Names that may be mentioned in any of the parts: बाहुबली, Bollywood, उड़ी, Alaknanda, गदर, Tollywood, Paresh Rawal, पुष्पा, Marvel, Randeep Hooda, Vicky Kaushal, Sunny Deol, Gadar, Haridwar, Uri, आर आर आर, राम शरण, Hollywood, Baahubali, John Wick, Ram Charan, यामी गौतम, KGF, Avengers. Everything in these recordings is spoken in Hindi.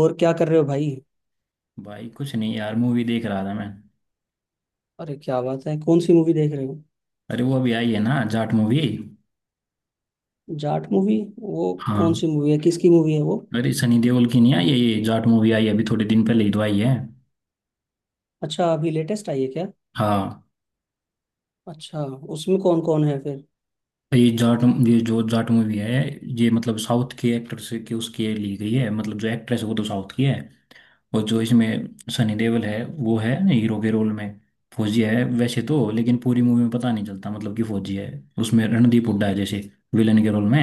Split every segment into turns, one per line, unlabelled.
और क्या कर रहे हो भाई।
भाई कुछ नहीं यार, मूवी देख रहा था मैं।
अरे क्या बात है, कौन सी मूवी देख रहे हो?
अरे, वो अभी आई है ना, जाट मूवी।
जाट मूवी वो कौन
हाँ।
सी मूवी है, किसकी मूवी है वो?
अरे, सनी देओल की नहीं आई है ये जाट मूवी? आई है अभी थोड़े दिन पहले ही तो आई है।
अच्छा, अभी लेटेस्ट आई है क्या?
हाँ।
अच्छा। उसमें कौन कौन है फिर?
ये जाट, ये जो जाट मूवी है, ये मतलब साउथ के एक्टर से के उसकी ली गई है। मतलब जो एक्ट्रेस है वो तो साउथ की है। और जो इसमें सनी देओल है वो है हीरो के रोल में। फौजी है वैसे तो, लेकिन पूरी मूवी में पता नहीं चलता मतलब कि फौजी है। उसमें रणदीप हुड्डा है जैसे विलन के रोल में।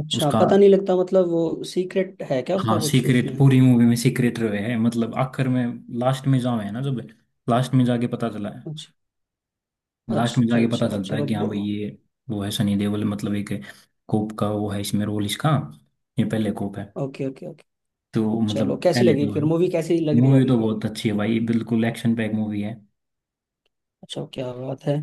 अच्छा,
उसका,
पता नहीं लगता मतलब, वो सीक्रेट है क्या उसका
हाँ
कुछ
सीक्रेट,
उसमें?
पूरी मूवी में सीक्रेट रहे है, मतलब आखिर में, लास्ट में जाओ है ना, जब लास्ट में जाके पता चला है।
अच्छा
लास्ट में
अच्छा
जाके पता
अच्छा,
चलता है
चलो।
कि हाँ भाई ये वो है सनी देओल। मतलब एक कोप का वो है इसमें रोल इसका। ये पहले कोप है।
ओके ओके ओके,
तो मतलब
चलो कैसी
पहले
लगी
तो,
फिर मूवी, कैसी लग रही है
मूवी
अभी?
तो बहुत अच्छी है भाई, बिल्कुल एक्शन पैक मूवी है।
अच्छा, क्या बात है।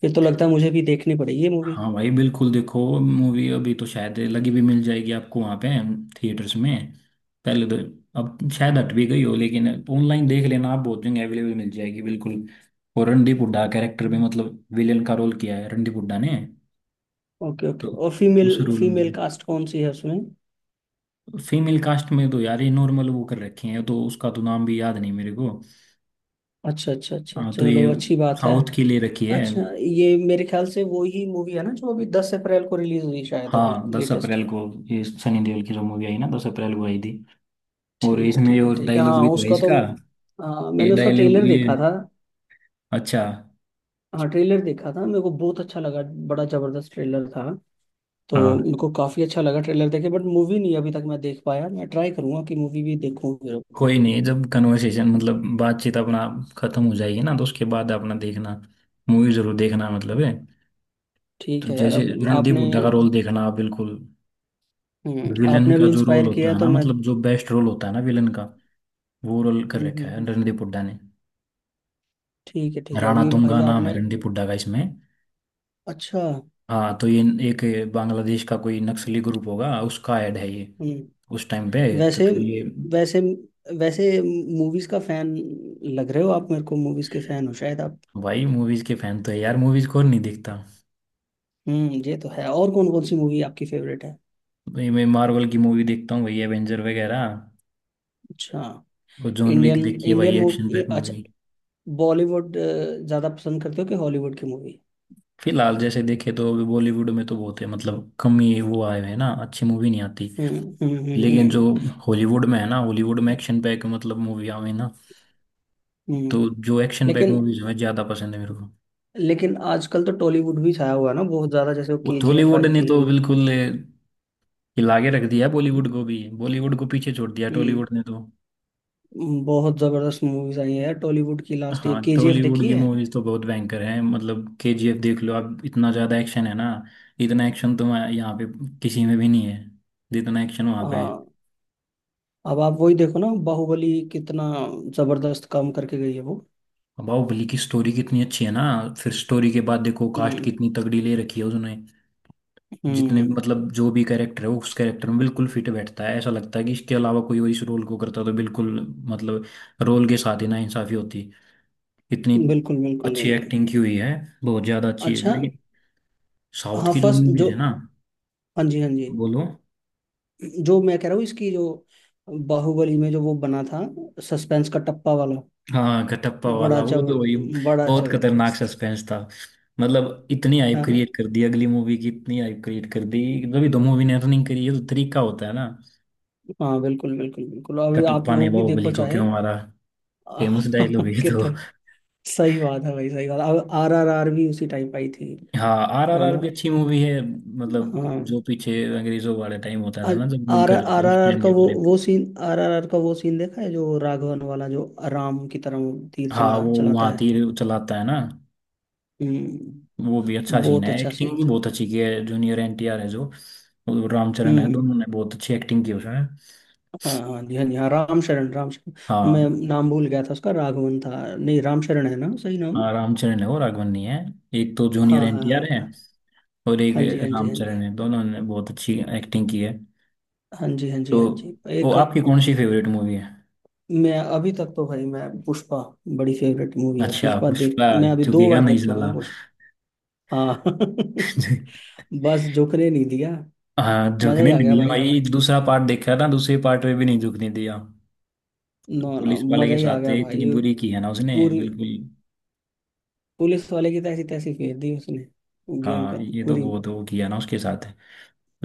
फिर तो लगता है मुझे भी देखनी पड़ेगी ये मूवी।
हाँ भाई, बिल्कुल देखो मूवी। अभी तो शायद लगी भी मिल जाएगी आपको वहाँ पे थिएटर्स में। पहले तो, अब शायद हट भी गई हो, लेकिन ऑनलाइन देख लेना आप, बहुत जगह अवेलेबल मिल जाएगी बिल्कुल। और रणदीप हुड्डा कैरेक्टर में, मतलब विलेन का रोल किया है रणदीप हुड्डा ने।
ओके ओके,
तो
और
उस
फीमेल
रोल में भी,
फीमेल कास्ट कौन सी है उसमें?
फीमेल कास्ट में तो यार ये नॉर्मल वो कर रखे हैं, तो उसका तो नाम भी याद नहीं मेरे को।
अच्छा अच्छा अच्छा,
हाँ तो ये
चलो अच्छी बात है।
साउथ की ले रखी है।
अच्छा, ये मेरे ख्याल से वो ही मूवी है ना जो अभी 10 अप्रैल को रिलीज हुई, शायद अभी
हाँ, दस
लेटेस्ट।
अप्रैल को, ये सनी देओल की जो मूवी आई ना, 10 अप्रैल को आई थी। और
ठीक है
इसमें
ठीक है
जो
ठीक है,
डायलॉग
हाँ
भी तो है
उसका तो
इसका, ये
मैंने उसका
डायलॉग
ट्रेलर
ये,
देखा था।
अच्छा,
हाँ ट्रेलर देखा था, मेरे को बहुत अच्छा लगा। बड़ा जबरदस्त ट्रेलर था। तो
हाँ।
मेरे को काफी अच्छा लगा ट्रेलर देखे, बट मूवी नहीं अभी तक मैं देख पाया, मैं ट्राई करूंगा कि मूवी भी देखूं फिर।
कोई नहीं, जब कन्वर्सेशन मतलब बातचीत अपना खत्म हो जाएगी ना, तो उसके बाद अपना देखना मूवी जरूर देखना, मतलब
अब।
है। तो
ठीक है यार,
जैसे
अब
रणदीप
आपने
हुड्डा का रोल देखना आप बिल्कुल। विलन
आपने
का
भी
जो रोल
इंस्पायर किया
होता है
है, तो
ना,
मैं
मतलब जो बेस्ट रोल होता है ना विलन का, वो रोल कर
हम्म,
रखा है
हम्म,
रणदीप हुड्डा ने।
ठीक है
राणा
अभी
तुंगा
भाई
नाम है
आपने
रणदीप हुड्डा का इसमें।
अच्छा
हाँ तो ये एक बांग्लादेश का कोई नक्सली ग्रुप होगा, उसका ऐड है ये
हम्म।
उस टाइम पे। तो
वैसे
फिर ये,
वैसे वैसे मूवीज का फैन लग रहे हो आप, मेरे को मूवीज के फैन हो शायद आप।
भाई मूवीज के फैन तो है यार, मूवीज कौन नहीं देखता।
हम्म, ये तो है। और कौन कौन सी मूवी आपकी फेवरेट है?
भाई, मैं मार्वल की मूवी देखता हूँ भाई, एवेंजर वगैरह।
अच्छा।
और जॉन
इंडियन
विक देखी है
इंडियन
भाई, एक्शन
मूवी,
पैक
अच्छा।
मूवी।
बॉलीवुड ज्यादा पसंद करते हो कि हॉलीवुड की मूवी?
फिलहाल जैसे देखे तो अभी बॉलीवुड में तो बहुत है, मतलब कम ही वो आए हैं ना, अच्छी मूवी नहीं आती। लेकिन जो
हम्म।
हॉलीवुड में है ना, हॉलीवुड में एक्शन पैक मतलब मूवी आवे ना, तो
हम्म।
जो एक्शन पैक
लेकिन
मूवीज हैं, ज्यादा पसंद है मेरे को।
लेकिन आजकल तो टॉलीवुड भी छाया हुआ है ना बहुत ज्यादा, जैसे वो
वो
केजीएफ
टॉलीवुड
आई
ने
थी।
तो बिल्कुल हिला के रख दिया बॉलीवुड को भी, बॉलीवुड को पीछे छोड़ दिया
हम्म।
टॉलीवुड ने तो।
बहुत जबरदस्त मूवीज आई हैं यार टॉलीवुड की, लास्ट ये
हाँ
केजीएफ
टॉलीवुड
देखी
की
है।
मूवीज तो बहुत भयंकर हैं, मतलब केजीएफ देख लो आप, इतना ज्यादा एक्शन है ना। इतना एक्शन तो यहाँ पे किसी में भी नहीं है, जितना एक्शन वहाँ पे है।
हाँ। अब आप वही देखो ना बाहुबली कितना जबरदस्त काम करके गई है वो।
बाहुबली की स्टोरी कितनी अच्छी है ना। फिर स्टोरी के बाद देखो, कास्ट
हम्म।
कितनी तगड़ी ले रखी है उसने। जितने
हम्म।
मतलब जो भी कैरेक्टर है, वो उस कैरेक्टर में बिल्कुल फिट बैठता है, ऐसा लगता है कि इसके अलावा कोई और इस रोल को करता तो बिल्कुल, मतलब रोल के साथ ही ना इंसाफी होती इतनी।
बिल्कुल बिल्कुल
अच्छी
बिल्कुल।
एक्टिंग की हुई है, बहुत ज्यादा अच्छी है।
अच्छा।
लेकिन साउथ
हाँ
की जो
फर्स्ट
मूवीज
जो,
है ना,
हाँ जी हाँ जी,
बोलो।
जो मैं कह रहा हूँ इसकी जो, बाहुबली में जो वो बना था, सस्पेंस का टप्पा वाला,
हाँ, कटप्पा
बड़ा
वाला वो,
जबर
तो वही,
बड़ा
बहुत खतरनाक
जबरदस्त।
सस्पेंस था। मतलब इतनी हाइप
है ना।
क्रिएट कर दी अगली मूवी की, इतनी हाइप क्रिएट कर दी, तभी तो मूवी ने अर्निंग करी है। तो तरीका होता है ना।
हाँ बिल्कुल बिल्कुल बिल्कुल, अभी आप
कटप्पा ने
वो भी
बाहुबली
देखो
को
चाहे।
क्यों मारा, फेमस डायलॉग है ये तो।
कितना सही बात है भाई, सही बात। अब आर आर आर भी उसी टाइप आई थी,
हाँ, आर आर
है
आर
ना।
भी अच्छी मूवी है। मतलब
हाँ,
जो पीछे अंग्रेजों वाले टाइम होता था
आर
ना, जब रूल
आर
कर रहे
आर
थे, उस
आर
टाइम
का
के
वो
बारे में।
वो सीन, आर आर आर का वो सीन देखा है जो राघवन वाला, जो राम की तरह वो तीर
हाँ,
चला
वो
चलाता
वहाँ
है।
तीर चलाता है ना,
हम्म।
वो भी अच्छा सीन
बहुत
है।
अच्छा
एक्टिंग
सीन
भी
था।
बहुत अच्छी की है, जूनियर एनटीआर है जो, और रामचरण है,
हम्म।
दोनों ने बहुत अच्छी एक्टिंग की उसमें।
हाँ हाँ जी हाँ जी हाँ, राम शरण राम शरण, मैं
हाँ,
नाम भूल गया था उसका, राघवन था नहीं, राम शरण है ना सही नाम।
हाँ, रामचरण है और राघवन नहीं है। एक तो
हाँ
जूनियर
हाँ
एनटीआर
हाँ
है
हाँ,
और एक
हाँ जी हाँ जी हाँ
रामचरण
जी
है, दोनों ने बहुत अच्छी एक्टिंग की है।
हाँ जी हाँ
तो
जी हाँ जी
वो
एक।
आपकी कौन सी फेवरेट मूवी है?
मैं अभी तक तो भाई, मैं पुष्पा, बड़ी फेवरेट मूवी है
अच्छा
पुष्पा, देख
पुष्पा,
मैं अभी दो
झुकेगा
बार
नहीं
देख चुका
साला।
हूँ पुष्पा। हाँ। बस झुकने नहीं दिया।
हाँ,
मजा ही
झुकने
आ
नहीं
गया
दिया
भाई।
भाई। दूसरा पार्ट देखा था, दूसरे पार्ट में भी नहीं झुकने दिया।
नो नो
पुलिस वाले
मजा
के
ही आ
साथ
गया
इतनी
भाई।
बुरी की है ना उसने
पूरी,
बिल्कुल।
पुलिस वाले की तैसी तैसी फेर दी उसने। गेम के
हाँ ये तो
पूरी।
बहुत वो किया ना उसके साथ।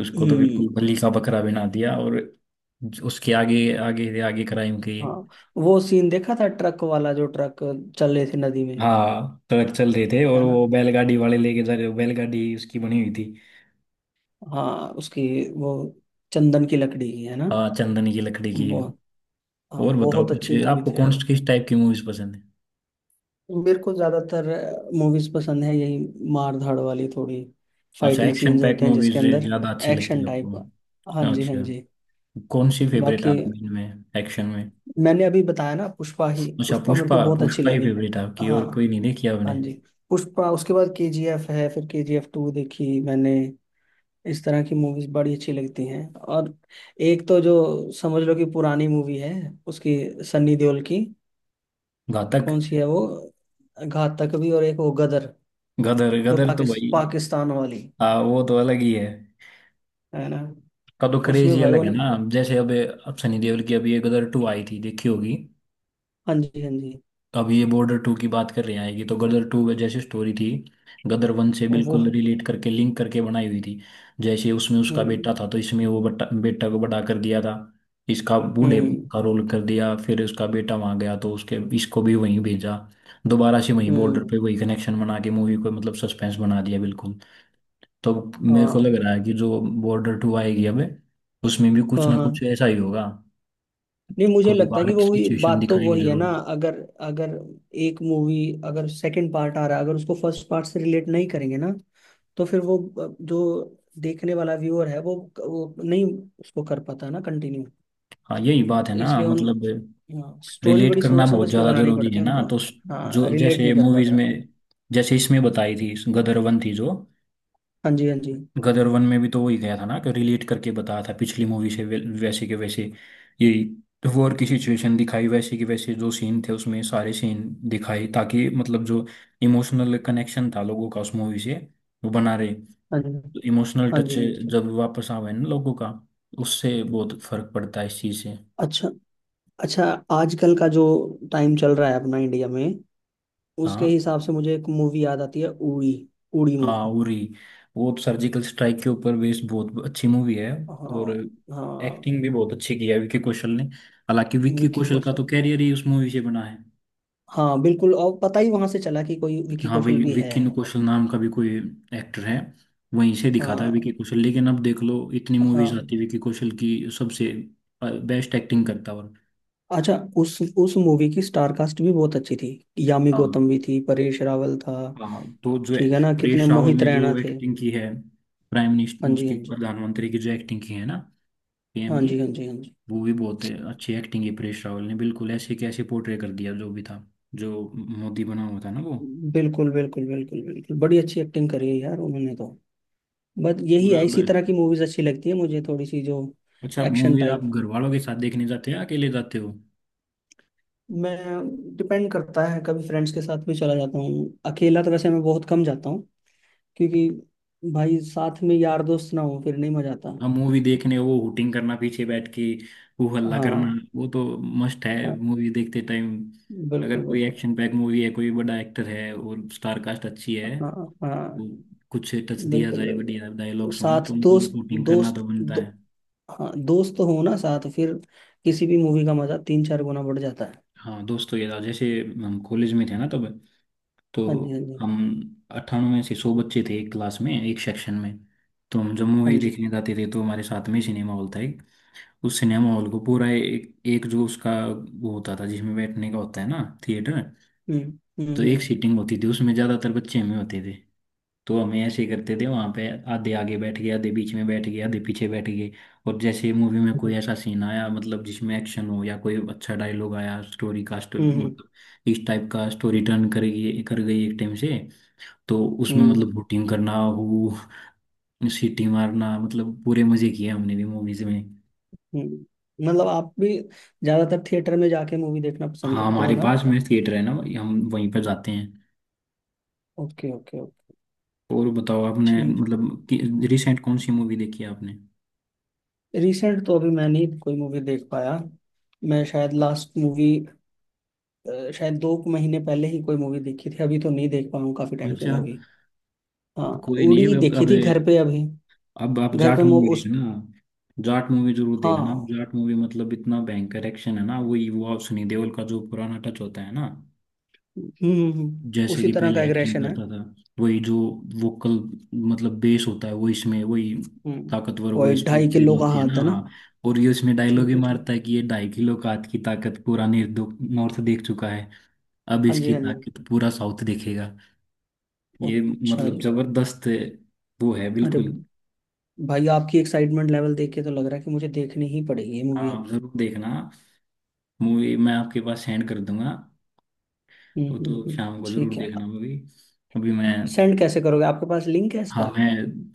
उसको तो बिल्कुल
हम्म।
बलि का बकरा बना दिया, और उसके आगे, आगे आगे क्राइम किए।
हाँ, वो सीन देखा था ट्रक वाला, जो ट्रक चल रहे थे नदी में।
हाँ ट्रक चल रहे थे, और
है ना।
वो बैलगाड़ी वाले लेके जा रहे, बैलगाड़ी उसकी बनी हुई थी।
हाँ उसकी वो चंदन की लकड़ी की है ना।
हाँ, चंदन की लकड़ी की।
बहुत। हाँ
और बताओ
बहुत
कुछ,
अच्छी मूवी
आपको
थी यार।
किस टाइप की मूवीज पसंद है?
मेरे को ज्यादातर मूवीज पसंद है, यही मार धाड़ वाली, थोड़ी
अच्छा,
फाइटिंग
एक्शन
सीन्स
पैक
होते हैं जिसके
मूवीज
अंदर,
ज्यादा अच्छी लगती
एक्शन
है आपको।
टाइप। हाँ जी हाँ जी।
अच्छा, कौन सी फेवरेट है
बाकी,
आपकी इनमें एक्शन में?
मैंने अभी बताया ना पुष्पा ही,
अच्छा,
पुष्पा मेरे
पुष्पा,
को बहुत अच्छी
पुष्पा ही
लगी।
फेवरेट आपकी,
हाँ,
और कोई नहीं देखी
हाँ
आपने?
जी। पुष्पा उसके बाद केजीएफ है, फिर केजीएफ टू देखी मैंने, इस तरह की मूवीज बड़ी अच्छी लगती हैं। और एक तो जो समझ लो कि पुरानी मूवी है, उसकी, सन्नी देओल की,
घातक,
कौन सी है वो, घात तक भी, और एक वो गदर,
गदर।
जो
गदर तो भाई,
पाकिस्तान वाली।
हाँ वो तो अलग ही है,
है ना।
का तो क्रेज
उसमें
ही
भाई
अलग
वो,
है ना। जैसे अब सनी देओल की अभी ये गदर टू आई थी, देखी होगी।
हाँ जी हाँ जी,
अब ये बॉर्डर टू की बात कर रहे हैं, आएगी। तो गदर टू में जैसे स्टोरी थी, गदर वन से
वो,
बिल्कुल रिलेट करके, लिंक करके बनाई हुई थी। जैसे उसमें उसका
हम्म
बेटा था, तो इसमें वो बट्टा बेटा को बड़ा कर दिया था, इसका बूढ़े
हम्म
का रोल कर दिया। फिर उसका बेटा वहां गया, तो उसके इसको भी वहीं भेजा, दोबारा से वहीं बॉर्डर
हम्म,
पे वही कनेक्शन बना के मूवी को मतलब सस्पेंस बना दिया बिल्कुल। तो मेरे को लग
हाँ
रहा है कि जो बॉर्डर टू आएगी अब, उसमें भी कुछ
हाँ
ना
हाँ,
कुछ ऐसा ही होगा,
नहीं मुझे
कोई
लगता है
वार
कि
की
वो ही
सिचुएशन
बात तो
दिखाएंगे
वही है
जरूर।
ना। अगर, अगर एक मूवी, अगर सेकंड पार्ट आ रहा है, अगर उसको फर्स्ट पार्ट से रिलेट नहीं करेंगे ना, तो फिर वो जो देखने वाला व्यूअर है वो नहीं उसको कर पाता ना कंटिन्यू,
हाँ यही बात है ना,
इसलिए उन,
मतलब
स्टोरी
रिलेट
बड़ी
करना
सोच
बहुत
समझ के
ज़्यादा
बनानी
ज़रूरी
पड़ती
है
है
ना।
उनको।
तो जो
हाँ रिलेट
जैसे
नहीं कर
मूवीज़ में,
पाता।
जैसे इसमें बताई थी, गदर वन थी जो,
हाँ जी हाँ जी
गदर वन में भी तो वही गया था ना, कि रिलेट करके बताया था पिछली मूवी से, वैसे के वैसे ये वॉर की सिचुएशन दिखाई, वैसे के वैसे जो सीन थे उसमें, सारे सीन दिखाए, ताकि मतलब जो इमोशनल कनेक्शन था लोगों का उस मूवी से, वो बना रहे। तो
हाँ जी
इमोशनल
हाँ
टच
जी हाँ जी।
जब वापस आवे ना लोगों का, उससे बहुत फर्क पड़ता है इस चीज़ से।
अच्छा अच्छा, आजकल का जो टाइम चल रहा है अपना इंडिया में, उसके
हाँ,
हिसाब से मुझे एक मूवी याद आती है, उड़ी। उड़ी
हाँ,
मूवी।
उरी, वो तो सर्जिकल स्ट्राइक के ऊपर बेस्ड बहुत अच्छी मूवी है।
हाँ।
और एक्टिंग
हाँ।
भी बहुत अच्छी की है विक्की कौशल ने, हालांकि विक्की
विकी
कौशल का तो
कौशल।
कैरियर ही उस मूवी से बना है।
हाँ बिल्कुल, और पता ही वहां से चला कि कोई
कि
विकी
हाँ
कौशल
भाई,
भी है।
विक्की कौशल नाम का भी कोई एक्टर है, वहीं से दिखा था विक्की
हाँ।
कौशल। लेकिन अब देख लो, इतनी मूवीज
हाँ।
आती है विक्की कौशल की, सबसे बेस्ट एक्टिंग करता है। और
अच्छा, उस मूवी की स्टार कास्ट भी बहुत अच्छी थी, यामी
हाँ,
गौतम भी थी, परेश रावल था।
हाँ तो जो है,
ठीक है ना, कितने
परेश रावल
मोहित
ने
रैना
जो
थे।
एक्टिंग की है, प्राइम मिनिस्टर
हाँ जी
उसके,
हाँ जी
प्रधानमंत्री की जो एक्टिंग की है ना, पीएम
हाँ
की,
जी हाँ जी हाँ जी।
वो भी बहुत अच्छी एक्टिंग है। परेश रावल ने बिल्कुल ऐसे कैसे पोर्ट्रे कर दिया जो भी था, जो मोदी बना हुआ था ना वो
बिल्कुल बिल्कुल बिल्कुल बिल्कुल, बड़ी अच्छी एक्टिंग करी है यार उन्होंने तो। बस यही
पूरा
है, इसी तरह की मूवीज अच्छी लगती है मुझे, थोड़ी सी जो
अच्छा,
एक्शन
मूवी आप
टाइप।
घर वालों के साथ देखने जाते हो या अकेले जाते हो?
मैं, डिपेंड करता है, कभी फ्रेंड्स के साथ भी चला जाता हूँ, अकेला तो वैसे मैं बहुत कम जाता हूँ, क्योंकि भाई साथ में यार दोस्त ना हो फिर नहीं मजा आता।
आप मूवी देखने वो हुटिंग करना पीछे बैठ के, हू हल्ला करना,
हाँ।
वो तो मस्ट है
हाँ
मूवी देखते टाइम।
बिल्कुल
अगर कोई
बिल्कुल।
एक्शन पैक मूवी है, कोई बड़ा एक्टर है और स्टार कास्ट अच्छी है,
हाँ। हाँ
तो कुछ टच दिया
बिल्कुल
जाए, बढ़िया
बिल्कुल,
डायलॉग्स हों,
साथ
तो मतलब
दोस्त
हुटिंग करना तो
दोस्त
बनता
दो,
है।
हाँ दोस्त हो ना साथ, फिर किसी भी मूवी का मजा 3 4 गुना बढ़ जाता है।
हाँ दोस्तों, ये था जैसे हम कॉलेज में थे ना तब, तो
हाँ जी हाँ जी
हम 98 से 100 बच्चे थे एक क्लास में, एक सेक्शन में। तो हम जब
हाँ
मूवी
जी।
देखने जाते थे, तो हमारे साथ में ही सिनेमा हॉल था एक। उस सिनेमा हॉल को पूरा एक जो उसका वो होता था जिसमें बैठने का होता है ना, थिएटर,
हम्म
तो
हम्म
एक सीटिंग होती थी उसमें, ज़्यादातर बच्चे हमें होते थे। तो हमें ऐसे करते थे वहाँ पे, आधे आगे बैठ गए, आधे बीच में बैठ गए, आधे पीछे बैठ गए। और जैसे मूवी में कोई
हम्म
ऐसा सीन आया, मतलब जिसमें एक्शन हो या कोई अच्छा डायलॉग आया, स्टोरी का
हम्म हम्म
मतलब इस टाइप का स्टोरी टर्न कर गई, कर गई एक टाइम से, तो उसमें
हम्म,
मतलब बोटिंग करना, वो सीटी मारना, मतलब पूरे मजे किए हमने भी मूवीज में।
हम्म। मतलब आप भी ज्यादातर थिएटर में जाके मूवी देखना पसंद
हाँ
करते हो
हमारे
ना।
पास में थिएटर है ना भाई, हम वहीं पर जाते हैं।
ओके ओके ओके,
और बताओ, आपने
ठीक।
मतलब कि रिसेंट कौन सी मूवी देखी है आपने?
रिसेंट तो अभी मैं नहीं कोई मूवी देख पाया, मैं शायद लास्ट मूवी, शायद 2 महीने पहले ही कोई मूवी देखी थी, अभी तो नहीं देख पाया हूँ काफी टाइम से
अच्छा,
मूवी। हाँ।
कोई नहीं।
उड़ी
अब
देखी
अब
थी घर पे अभी,
अब आप
घर
जाट
पे
मूवी
उस,
देखना, जाट मूवी जरूर देखना।
हाँ
जाट मूवी मतलब इतना भयंकर एक्शन है ना, वही वो आप सनी देओल का जो पुराना टच होता है ना, जैसे
उसी
कि
तरह का
पहले एक्शन
एग्रेशन है।
करता था, वही जो वोकल, मतलब बेस होता है वो, इसमें वही
हम्म,
ताकतवर वो
वही
इस
ढाई
फील
किलो का
होती है
हाथ
ना।
है ना।
हाँ, और ये इसमें डायलॉग
ठीक
ही
है ठीक।
मारता है कि ये 2.5 किलो का हाथ की ताकत पूरा नॉर्थ देख चुका है, अब
हाँ जी
इसकी
हाँ जी।
ताकत पूरा साउथ देखेगा। ये
अच्छा
मतलब
जी।
जबरदस्त वो है
अरे
बिल्कुल।
भाई आपकी एक्साइटमेंट लेवल देख के तो लग रहा है कि मुझे देखनी ही पड़ेगी ये मूवी
हाँ
अब।
जरूर देखना मूवी, मैं आपके पास सेंड कर दूंगा।
हम्म
वो
हम्म
तो
हम्म,
शाम को जरूर
ठीक है।
देखना मूवी। अभी मैं,
सेंड कैसे करोगे, आपके पास लिंक है
हाँ,
इसका?
मैं,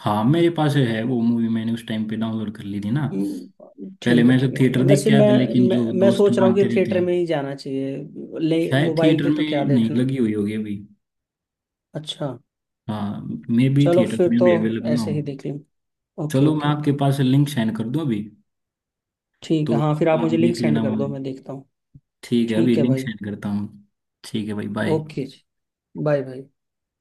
हाँ, मेरे पास है वो मूवी, मैंने उस टाइम पे डाउनलोड कर ली थी ना। पहले
ठीक है
मैं तो
ठीक है ठीक है,
थिएटर देख
वैसे
के आया
मैं,
था, लेकिन
मैं
जो
मैं
दोस्त
सोच रहा हूँ कि
मांगते रहते
थिएटर
हैं,
में ही जाना चाहिए, ले
शायद
मोबाइल
थिएटर
पे तो
में
क्या
नहीं
देखना।
लगी हुई होगी अभी।
अच्छा।
हाँ, मे भी
चलो
थिएटर
फिर
में
तो
भी अवेलेबल ना
ऐसे
हो।
ही देख लेंगे। ओके
चलो मैं
ओके
आपके
ओके।
पास लिंक सेंड कर दूँ अभी।
ठीक
तो
है, हाँ फिर आप
आप
मुझे लिंक
देख
सेंड
लेना
कर दो,
मूवी।
मैं देखता हूँ।
ठीक है, अभी
ठीक है
लिंक
भाई।
सेंड करता हूँ। ठीक है भाई, बाय।
ओके जी। बाय भाई।